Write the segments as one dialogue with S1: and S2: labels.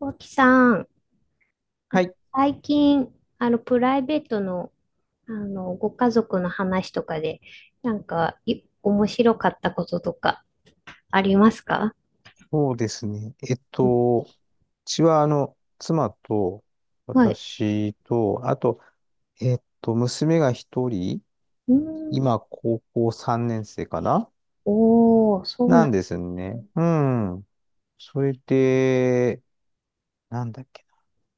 S1: 大木さん、
S2: はい、
S1: 最近、プライベートの、ご家族の話とかで、なんか、面白かったこととか、ありますか？
S2: そうですね。
S1: うん、
S2: うちは、妻と、
S1: はい。
S2: 私と、あと、娘が一人、
S1: うん。
S2: 今、高校3年生かな
S1: おー、そう
S2: な
S1: なん
S2: ん
S1: で
S2: です
S1: す
S2: ね。
S1: ね。
S2: うん。それで、なんだっけ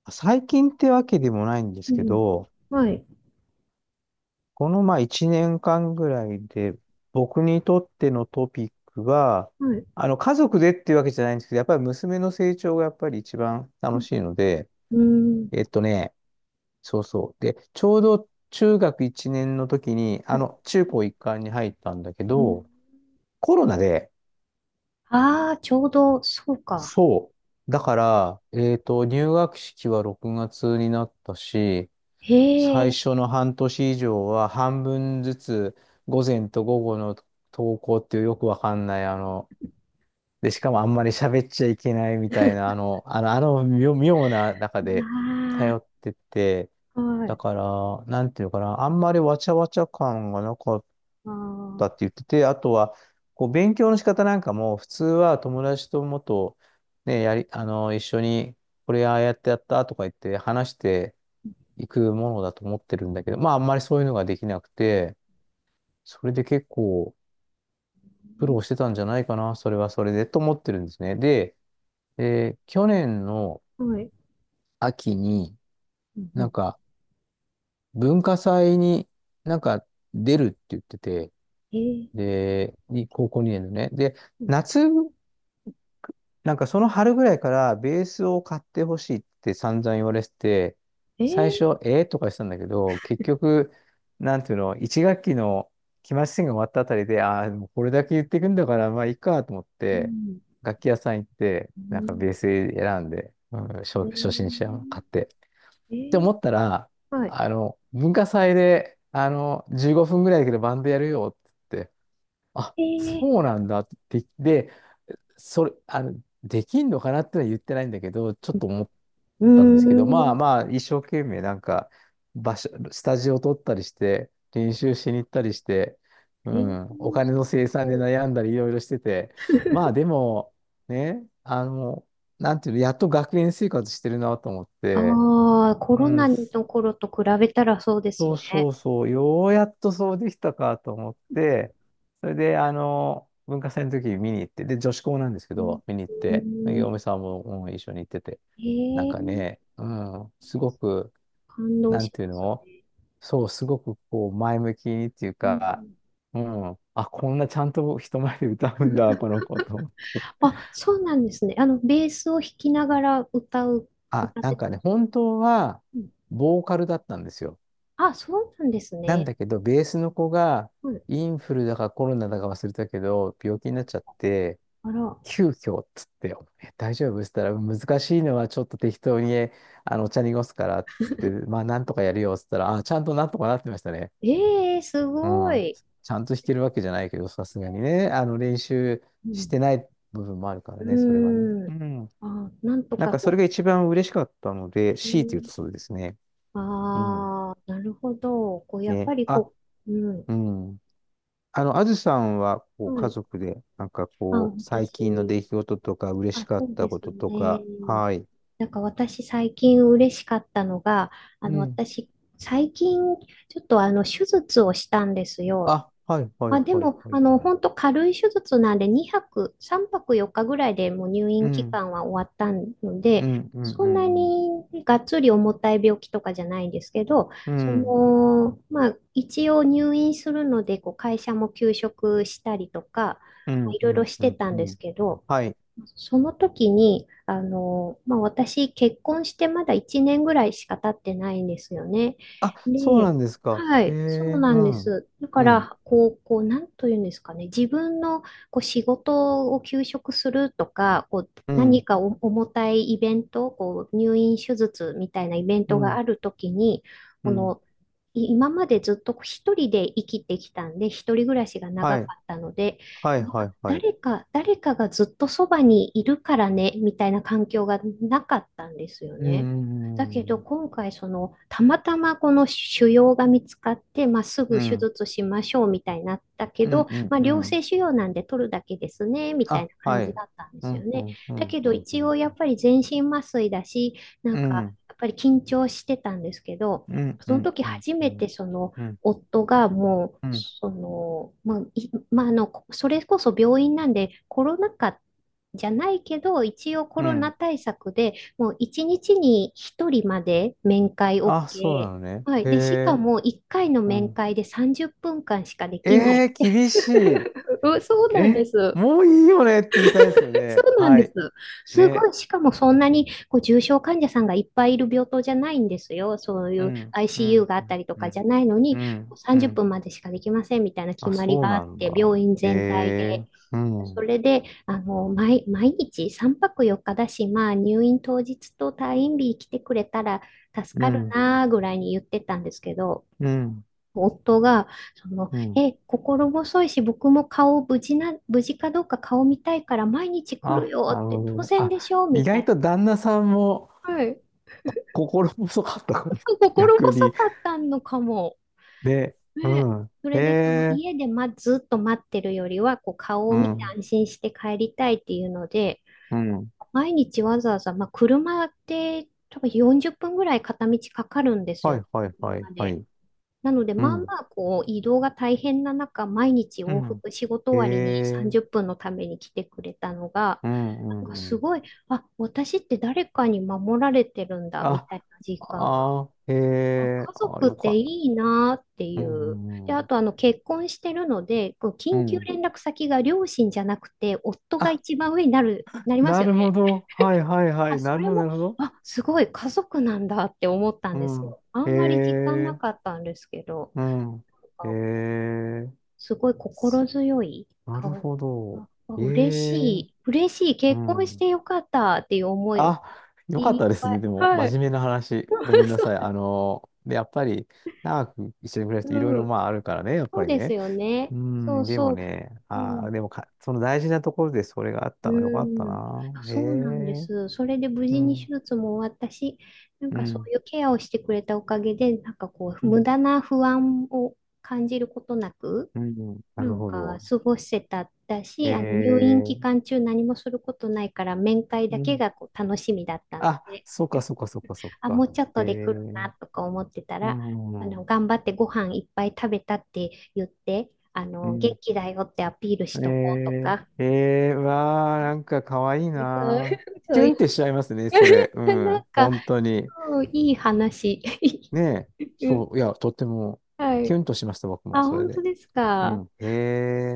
S2: な。最近ってわけでもないんです
S1: う
S2: け
S1: ん。
S2: ど、
S1: はい。
S2: この、まあ、1年間ぐらいで、僕にとってのトピックは、
S1: はい。
S2: 家族でっていうわけじゃないんですけど、やっぱり娘の成長がやっぱり一番
S1: う
S2: 楽
S1: ん。
S2: しいので、えっとね、そうそう。で、ちょうど中学1年の時に、
S1: はい、
S2: 中高一貫に入ったんだけ
S1: うん。
S2: ど、コロナで、
S1: ああー、ちょうど、そうか。
S2: そう。だから、入学式は6月になったし、
S1: へ
S2: 最
S1: え。
S2: 初の半年以上は半分ずつ、午前と午後の登校っていうよくわかんない、で、しかもあんまり喋っちゃいけないみたいな、妙妙な中で通
S1: あ
S2: ってて、
S1: あ、は
S2: だ
S1: い。
S2: から、なんていうかな、あんまりわちゃわちゃ感がなかっ
S1: あ
S2: た
S1: あ、
S2: って言ってて、あとは、こう、勉強の仕方なんかも、普通は友達ともっと、ね、やり、あの、一緒に、これああやってやったとか言って話していくものだと思ってるんだけど、まあ、あんまりそういうのができなくて、それで結構苦労してたんじゃないかな、それはそれで、と思ってるんですね。で、去年の
S1: はい。
S2: 秋に、
S1: うん、う
S2: なん
S1: ん、
S2: か、文化祭になんか出るって言ってて、
S1: えー、
S2: で、高校2年のね。で、
S1: うん、
S2: 夏なんかその春ぐらいからベースを買ってほしいって散々言われてて、
S1: え
S2: 最
S1: ー、
S2: 初、ええとかしたんだけど、結局、なんていうの、一学期の期末試験が終わったあたりで、ああ、もうこれだけ言ってくんだから、まあいいかと思っ
S1: う
S2: て、
S1: ん。
S2: 楽器屋さん行って、
S1: う
S2: なんか
S1: ん、
S2: ベース選んで、うん、
S1: え
S2: 初心者を買っ
S1: ー、
S2: て。
S1: え
S2: って思ったら、
S1: ー、はい。
S2: 文化祭で、15分ぐらいだけどバンドやるよって言って、あ、
S1: えー、
S2: そうなんだって言って、それ、あの、できんのかなってのは言ってないんだけど、ちょっと思っ
S1: うー
S2: たんですけど、まあ
S1: ん。
S2: まあ、一生懸命なんか、スタジオ取ったりして、練習しに行ったりして、う
S1: えー、
S2: ん、お金の生 産で
S1: そう、
S2: 悩んだりいろいろしてて、まあでも、ね、なんていうの、やっと学園生活してるなと思って、
S1: ああ、コ
S2: う
S1: ロナ
S2: ん、
S1: の頃と比べたらそうです
S2: そうそ
S1: ね。
S2: うそう、ようやっとそうできたかと思って、それで、文化祭の時見に行って、で、女子校なんですけ
S1: うん、
S2: ど、見に行っ
S1: う
S2: て、
S1: ん、
S2: 嫁さんも、うん一緒に行ってて、
S1: え
S2: なんか
S1: ー、
S2: ね、うん、すごく、
S1: 感動
S2: な
S1: し
S2: んていう
S1: ます
S2: の
S1: ね。
S2: そう、すごくこう、前向きにっていう
S1: う
S2: か、
S1: ん、
S2: うん、あ、こんなちゃんと人前で歌うんだ、この子と思って。
S1: あ、そうなんですね。ベースを弾きながら歌う、
S2: あ、
S1: 歌っ
S2: な
S1: て
S2: ん
S1: た
S2: か
S1: ん
S2: ね、
S1: です。
S2: 本当は、
S1: うん、
S2: ボーカルだったんですよ。
S1: あ、そうなんです
S2: なん
S1: ね。
S2: だけど、ベースの子が
S1: うん、
S2: インフルだかコロナだか忘れたけど、病気になっちゃって、
S1: あら、
S2: 急遽っつって、大丈夫っつったら、難しいのはちょっと適当に、えあの、お茶濁すからっつって、まあ、なんとかやるよっつったら、あ、ちゃんとなんとかなってましたね。
S1: ええー、す
S2: う
S1: ご
S2: ん。
S1: い。
S2: ちゃんと弾けるわけじゃないけど、さすがにね、練習
S1: う
S2: して
S1: ん、
S2: ない部分もあるから
S1: う
S2: ね、それはね。
S1: ーん。
S2: うん。
S1: あ、なんと
S2: なん
S1: か
S2: か、それ
S1: こ
S2: が一番嬉しかったので、
S1: う。え
S2: 強いて言う
S1: ー、
S2: とそうですね。
S1: あ
S2: うん。
S1: あ、なるほど。こう、やっぱ
S2: ね。
S1: り
S2: あ、
S1: こう、うん。
S2: うん。あずさんは、こう、
S1: は
S2: 家
S1: い。
S2: 族で、なんか
S1: あ、
S2: こう、最
S1: 私、
S2: 近の出来事とか、嬉し
S1: あ、
S2: か
S1: そ
S2: っ
S1: う
S2: た
S1: で
S2: こ
S1: す
S2: とと
S1: ね。
S2: か、はい。
S1: なんか私最近嬉しかったのが、
S2: うん。
S1: 私、最近、ちょっと手術をしたんですよ。
S2: あ、はい、は
S1: あ、
S2: い、
S1: で
S2: はい、
S1: も、
S2: はい。
S1: 本当軽い手術なんで、2泊、3泊4日ぐらいでもう入
S2: う
S1: 院期
S2: ん、
S1: 間は終わったの
S2: う
S1: で、
S2: ん、うん、
S1: そ
S2: う
S1: んな
S2: ん、
S1: にがっつり重たい病気とかじゃないんですけど、
S2: うん。
S1: まあ、一応入院するので、こう会社も休職したりとか、
S2: う
S1: まあ
S2: ん、
S1: い
S2: う
S1: ろいろ
S2: ん、
S1: し
S2: う
S1: て
S2: ん、
S1: た
S2: う
S1: ん
S2: ん。
S1: で
S2: うん
S1: すけど、
S2: はい。
S1: その時に、まあ、私、結婚してまだ1年ぐらいしか経ってないんですよね。
S2: あ、そうな
S1: で、
S2: んですか。
S1: は
S2: ええ、
S1: い、そうな
S2: う
S1: んで
S2: ん、
S1: す。だか
S2: うん、
S1: ら、こう、こう、なんというんですかね、自分のこう仕事を休職するとか、こう、
S2: う
S1: 何
S2: ん、
S1: かお重たいイベント、こう、入院手術みたいなイベン
S2: う
S1: トが
S2: ん、
S1: あるときに、
S2: う
S1: こ
S2: ん。
S1: の、今までずっと一人で生きてきたんで、一人暮らしが
S2: は
S1: 長
S2: い、
S1: かったので、
S2: はい、はい、はい。
S1: 誰かがずっとそばにいるからね、みたいな環境がなかったんですよ
S2: う
S1: ね。だけ
S2: ん、う
S1: ど
S2: ん、
S1: 今回たまたまこの腫瘍が見つかって、まあ、すぐ
S2: う
S1: 手
S2: ん、
S1: 術しましょうみたいになったけ
S2: う
S1: ど、
S2: ん、うん。
S1: まあ、
S2: う
S1: 良性
S2: ん
S1: 腫瘍なんで取るだけですねみたいな
S2: あ、
S1: 感
S2: は
S1: じ
S2: い。
S1: だったんで
S2: う
S1: すよ
S2: ん、う
S1: ね。
S2: ん、う
S1: だ
S2: ん、
S1: け
S2: う
S1: ど
S2: ん、う
S1: 一応
S2: ん。
S1: やっぱり全身麻酔だし、なん
S2: う
S1: かや
S2: ん
S1: っぱり緊張してたんですけど、
S2: うん、う
S1: その
S2: ん、
S1: 時
S2: うん、
S1: 初
S2: う
S1: め
S2: ん、
S1: てその
S2: うん、
S1: 夫がもう、
S2: うん。
S1: その、まあ、まあ、それこそ病院なんで、コロナ禍じゃないけど、一応コ
S2: う
S1: ロナ
S2: ん
S1: 対策で、もう一日に一人まで面会
S2: あ、そう
S1: OK。
S2: なのね。
S1: はい。
S2: へ
S1: で、しか
S2: え、
S1: も一回の
S2: う
S1: 面
S2: ん。
S1: 会で30分間しかできない。
S2: 厳しい。
S1: そうなんで
S2: え、
S1: す。
S2: もういいよねって言いたいですよ
S1: そ
S2: ね。
S1: うなん
S2: は
S1: です。
S2: い。
S1: すご
S2: ね。
S1: い、しかもそんなにこう重症患者さんがいっぱいいる病棟じゃないんですよ。そうい
S2: う
S1: う
S2: ん、う
S1: ICU
S2: ん、
S1: があ
S2: う
S1: った
S2: ん、
S1: りと
S2: う
S1: かじゃ
S2: ん、
S1: ないの
S2: う
S1: に、
S2: ん。う
S1: 30
S2: ん
S1: 分までしかできませんみたいな決
S2: あ、
S1: まり
S2: そう
S1: があっ
S2: なんだ。
S1: て、病院
S2: へ
S1: 全体で。
S2: え、うん、う
S1: そ
S2: ん、
S1: れで、毎日3泊4日だし、まあ入院当日と退院日来てくれたら助かるなぐらいに言ってたんですけど、
S2: うん、
S1: 夫が、
S2: うん。
S1: 心細いし、僕も顔無事な、無事かどうか顔見たいから毎日来る
S2: あ、
S1: よ
S2: なる
S1: って、
S2: ほ
S1: 当
S2: ど。
S1: 然
S2: あ、
S1: でしょ
S2: 意
S1: みた
S2: 外
S1: い。
S2: と旦那さんも
S1: はい。
S2: 心細かったこと、
S1: 心
S2: 逆
S1: 細
S2: に。
S1: かったのかも。
S2: で、う
S1: ね。
S2: ん。
S1: そ
S2: へ
S1: れで、その
S2: え、
S1: 家で、ま、ずっと待ってるよりは、こう顔を
S2: う
S1: 見て
S2: ん、
S1: 安心して帰りたいっていうので、
S2: うん。
S1: 毎日わざわざ、まあ、車って多分40分ぐらい片道かかるんです
S2: は
S1: よ
S2: い
S1: ね。
S2: はい
S1: みん
S2: はい
S1: な
S2: は
S1: で。
S2: い。
S1: なので、
S2: う
S1: まあま
S2: ん。
S1: あ、こう、移動が大変な中、毎日
S2: う
S1: 往
S2: ん。
S1: 復、仕事
S2: へ
S1: 終わりに
S2: え。
S1: 30分のために来てくれたのが、
S2: うんう
S1: なんか
S2: んう
S1: す
S2: ん。
S1: ごい、あ、私って誰かに守られてるんだ、み
S2: あ、
S1: たいな実感が。
S2: あー、へ
S1: あ、
S2: え。
S1: 家
S2: あ、
S1: 族っ
S2: よか
S1: て
S2: った。
S1: いいなって
S2: う
S1: いう。で、
S2: んう
S1: あ
S2: ん
S1: と、結婚してるので、こう、
S2: う
S1: 緊
S2: ん。う
S1: 急
S2: ん。
S1: 連絡先が両親じゃなくて、夫が
S2: あ、
S1: 一番上になります
S2: な
S1: よ
S2: るほ
S1: ね。
S2: ど。はいはいは
S1: あ、
S2: い。
S1: そ
S2: なる
S1: れ
S2: ほどな
S1: も、
S2: るほど。
S1: あ、すごい、家族なんだって思ったん
S2: う
S1: です
S2: ん。
S1: よ。あ
S2: へ
S1: んまり時間な
S2: え。
S1: かったんですけど。
S2: うん。へえ。
S1: すごい心強い。
S2: なる
S1: あ、
S2: ほ
S1: あ
S2: ど。
S1: あ
S2: へ
S1: 嬉し
S2: え。
S1: い。嬉しい。
S2: う
S1: 結婚し
S2: ん。
S1: てよかったっていう思いが
S2: あ、よかっ
S1: い
S2: た
S1: っ
S2: です
S1: ぱ
S2: ね。
S1: い。
S2: でも、
S1: は
S2: 真
S1: い。
S2: 面目な話。ごめん なさ
S1: そ
S2: い。で、やっぱり、長く一緒に暮らし
S1: う、
S2: ていろい
S1: う
S2: ろ
S1: ん。
S2: まああるからね、やっ
S1: そ
S2: ぱ
S1: う
S2: り
S1: です
S2: ね。
S1: よね。
S2: う
S1: そう
S2: ん、でも
S1: そう。
S2: ね、
S1: う
S2: あ
S1: ん。
S2: あ、でもか、その大事なところでそれがあっ
S1: う
S2: たのよかった
S1: ん。
S2: な。へ
S1: そうなんで
S2: え、
S1: す。それで無
S2: う
S1: 事に手
S2: ん、
S1: 術も終わったし、なん
S2: う
S1: かそう
S2: ん、
S1: いうケアをしてくれたおかげで、なんかこう、
S2: う
S1: 無
S2: ん、
S1: 駄な不安を感じることなく、
S2: うん、な
S1: な
S2: る
S1: ん
S2: ほ
S1: か
S2: ど。
S1: 過ごせただ
S2: へ
S1: し、あの入院
S2: え、
S1: 期間中何もすることないから面会だ
S2: う
S1: け
S2: ん。
S1: がこう楽しみだったの
S2: あ、
S1: で、
S2: そっかそっかそっかそっ
S1: あ、も
S2: か。
S1: うちょっ
S2: へ
S1: とで来るな
S2: え、
S1: とか思ってた
S2: う
S1: ら、
S2: ん、う
S1: 頑張ってご飯いっぱい食べたって言って、元
S2: ん。
S1: 気だよってアピールし
S2: へ
S1: とこうと
S2: え、
S1: か、
S2: へえ、わあ、なんかかわいい
S1: そう、
S2: な。
S1: そ
S2: キ
S1: う
S2: ュ
S1: い
S2: ンっ
S1: う、
S2: てしちゃいますね、それ。う
S1: なん
S2: ん、
S1: か、
S2: 本当に。
S1: うん、いい話。
S2: ねえ、
S1: う
S2: そ
S1: ん、
S2: う、いや、とっても、
S1: は
S2: キ
S1: い。
S2: ュンとしました、僕も、
S1: あ、
S2: それ
S1: 本当
S2: で。
S1: です
S2: う
S1: か。
S2: ん。へ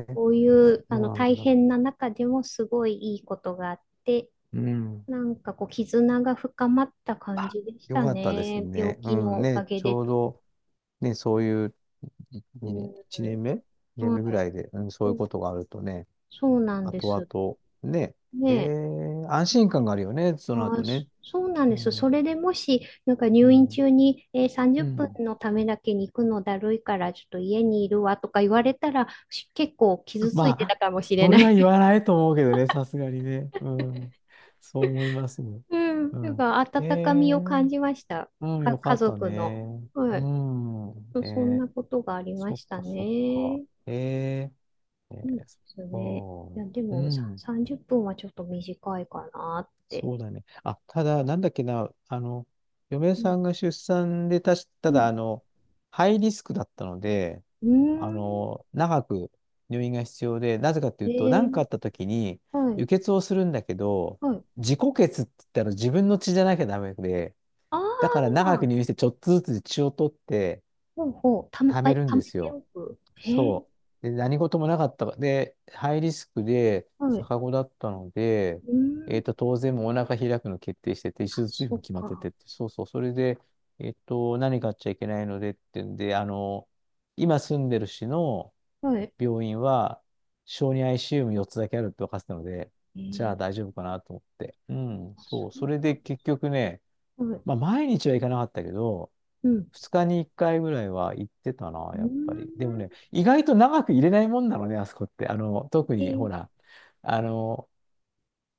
S2: え、
S1: こういう
S2: そうなん
S1: 大
S2: だ。
S1: 変な中でもすごいいいことがあって、
S2: うん。
S1: なんかこう、絆が深まった感
S2: あ、
S1: じでし
S2: よ
S1: た
S2: かったです
S1: ね。病
S2: ね。う
S1: 気の
S2: ん。
S1: お
S2: ね、
S1: かげ
S2: ち
S1: で
S2: ょう
S1: と。
S2: ど、ね、そういうい
S1: う
S2: 二年、
S1: ん。
S2: 1年目？ 2 年
S1: は
S2: 目ぐら
S1: い。
S2: いで、うん、そう
S1: そ
S2: いうこ
S1: う、
S2: とがあるとね、
S1: そうなんで
S2: 後
S1: す。
S2: 々、ね、
S1: ねえ。
S2: 安心感があるよね、その
S1: あー、
S2: 後ね。
S1: そうなん
S2: う
S1: です。そ
S2: ん。
S1: れでもし、なんか
S2: う
S1: 入院
S2: ん。
S1: 中に、30
S2: うん。
S1: 分のためだけに行くのだるいから、ちょっと家にいるわとか言われたら、結構 傷つい
S2: ま
S1: てた
S2: あ、
S1: かもしれ
S2: そ
S1: な
S2: れは言
S1: い。
S2: わないと思うけどね、さすがにね。うん。そう思いますね。
S1: うん。
S2: う
S1: なん
S2: ん。
S1: か
S2: え
S1: 温かみ
S2: え
S1: を感じました。
S2: うん、よか
S1: 家
S2: った
S1: 族の。
S2: ね。
S1: は
S2: う
S1: い。
S2: ん。
S1: そん
S2: ね
S1: なことがありま
S2: そっ
S1: した
S2: か、そっか。
S1: ね。
S2: えええ
S1: うん、
S2: え
S1: ですね。
S2: そ
S1: い
S2: っ
S1: や、で
S2: か。う
S1: もさ、
S2: ん。
S1: 30分はちょっと短いかなって。
S2: そうだね。あ、ただ、なんだっけな、嫁
S1: う
S2: さ
S1: ん。
S2: んが出産でたし、た
S1: う
S2: だ、
S1: ん。
S2: ハイリスクだったので、
S1: うーん。
S2: 長く入院が必要で、なぜかってい
S1: え
S2: うと、何
S1: ー、
S2: かあった時に、
S1: はい。
S2: 輸血をするんだけど、
S1: はい。
S2: 自己血って言ったら自分の血じゃなきゃダメで、
S1: あ
S2: だから
S1: あ、
S2: 長く入院してちょっとずつ血を取って、
S1: ほうほう。
S2: 貯
S1: あ、
S2: め
S1: 貯
S2: るんで
S1: め
S2: す
S1: て
S2: よ。
S1: おく。えー、
S2: そう。で、何事もなかったか。で、ハイリスクで、
S1: はい。
S2: 逆子だったので、
S1: うーん。
S2: 当然もうお腹開くの決定してて、手
S1: あ、
S2: 術費
S1: そ
S2: も
S1: っ
S2: 決まって
S1: か。
S2: てって、そうそう、それで、何買っちゃいけないのでってんで、今住んでる市の
S1: はい。
S2: 病院は、小児 ICU 4つだけあるって分かってたので、
S1: え
S2: じゃ
S1: ー、
S2: あ大丈夫かなと思って。うん、
S1: あ、そ
S2: そう。それで結局ね、
S1: う。は
S2: ま
S1: い。
S2: あ、毎日は行かなかったけど、
S1: うん。
S2: 2日に1回ぐらいは行ってたな、
S1: う
S2: や
S1: ー
S2: っぱり。でもね、
S1: ん。
S2: 意外と長く入れないもんなのね、あそこって。特
S1: え
S2: に、ほ
S1: ー、
S2: ら、あの、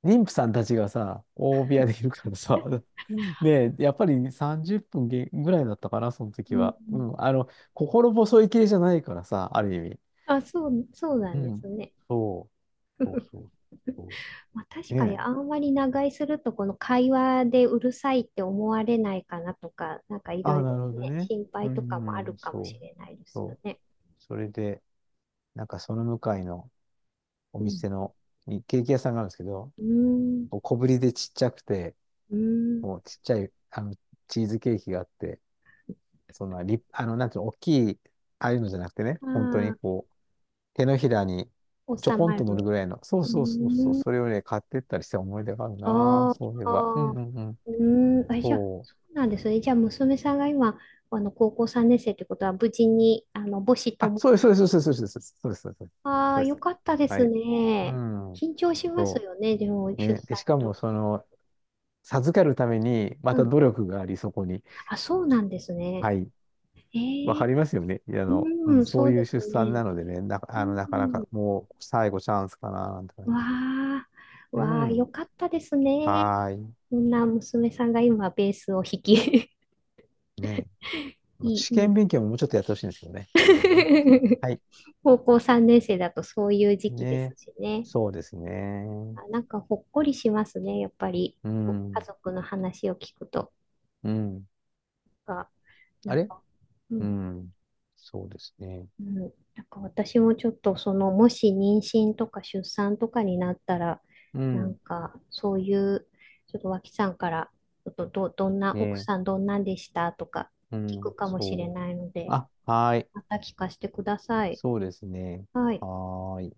S2: 妊婦さんたちがさ、大部屋でいるからさ、ねえ、やっぱり30分げぐらいだったかな、その
S1: う
S2: 時
S1: ん。
S2: は。うん、心細い系じゃないからさ、ある意味。
S1: あ、そう、そうな
S2: う
S1: んです
S2: ん、
S1: ね。
S2: そう、そうそうそ
S1: まあ、
S2: う。
S1: 確
S2: ね
S1: かに
S2: え。
S1: あんまり長居するとこの会話でうるさいって思われないかなとか、なんかいろ
S2: あ、
S1: い
S2: な
S1: ろ
S2: るほど
S1: ね、
S2: ね。
S1: 心
S2: う
S1: 配とかも
S2: ん、
S1: ある
S2: うん
S1: かもし
S2: そう、
S1: れないですよ
S2: そう。
S1: ね。
S2: それで、なんかその向かいの、お
S1: うん。
S2: 店の、ケーキ屋さんがあるんですけど、
S1: うーん。
S2: 小ぶりでちっちゃくて、
S1: うーん。
S2: もうちっちゃい、チーズケーキがあって、そんなリあの、なんていうの、大きい、ああいうのじゃなくてね、
S1: あ
S2: 本当にこう、手のひらに
S1: あ、
S2: ちょ
S1: 収
S2: こん
S1: ま
S2: と乗る
S1: る。
S2: ぐらいの、そう
S1: うー
S2: そうそうそう、そ
S1: ん。
S2: れをね、買ってったりした思い出があるな、
S1: あー
S2: そういえ
S1: あ
S2: ば。うん
S1: ー、
S2: うんうん。
S1: うーん。あ、じゃあ、
S2: そう。
S1: そうなんですね。じゃあ、娘さんが今、高校3年生ってことは、無事に、母子
S2: あ、
S1: とも。
S2: そうです、そうです、そうです、そうです、そうです。そうです
S1: ああ、
S2: そうで
S1: よ
S2: す
S1: かったで
S2: は
S1: す
S2: い。う
S1: ね。
S2: ん、
S1: 緊張します
S2: そ
S1: よね、でも、
S2: う。
S1: 出
S2: ね。で、
S1: 産
S2: し
S1: の
S2: かも、
S1: 時。
S2: 授かるために、ま
S1: う
S2: た
S1: ん、
S2: 努力があり、そこに。
S1: あ、そうなんですね。
S2: はい。
S1: え
S2: わか
S1: ー、
S2: りますよね。うん、
S1: うん、
S2: そ
S1: そ
S2: う
S1: う
S2: い
S1: で
S2: う
S1: す
S2: 出産
S1: ね。
S2: なのでね、な、あの、なかなかもう最後チャンスかな、なんて感じ
S1: わ
S2: です。
S1: あ、
S2: う
S1: わあ、よ
S2: ん。
S1: かったですね。
S2: はーい。
S1: そんな娘さんが今ベースを弾き、
S2: ね。
S1: いい、
S2: 試
S1: い
S2: 験
S1: い。
S2: 勉強ももうちょっとやってほしいんですよね、基本的にね。はい。
S1: 高校3年生だとそういう時期です
S2: ね。
S1: しね。
S2: そうですね。
S1: あ、なんかほっこりしますね、やっぱり。
S2: う
S1: 家
S2: ん。
S1: 族の話を聞くと
S2: うん。
S1: か、な
S2: あ
S1: ん
S2: れ
S1: か、う
S2: う
S1: ん、
S2: ん。そうですね。
S1: うん、なんか私もちょっともし妊娠とか出産とかになったら、
S2: う
S1: なん
S2: ん。
S1: かそういう、ちょっと脇さんから、ちょっとどんな、奥
S2: ね。
S1: さんどんなんでしたとか
S2: う
S1: 聞く
S2: ん。
S1: かもしれ
S2: そう。
S1: ないので、
S2: あ、はーい。
S1: また聞かせてください。
S2: そうですね。
S1: はい。
S2: はーい。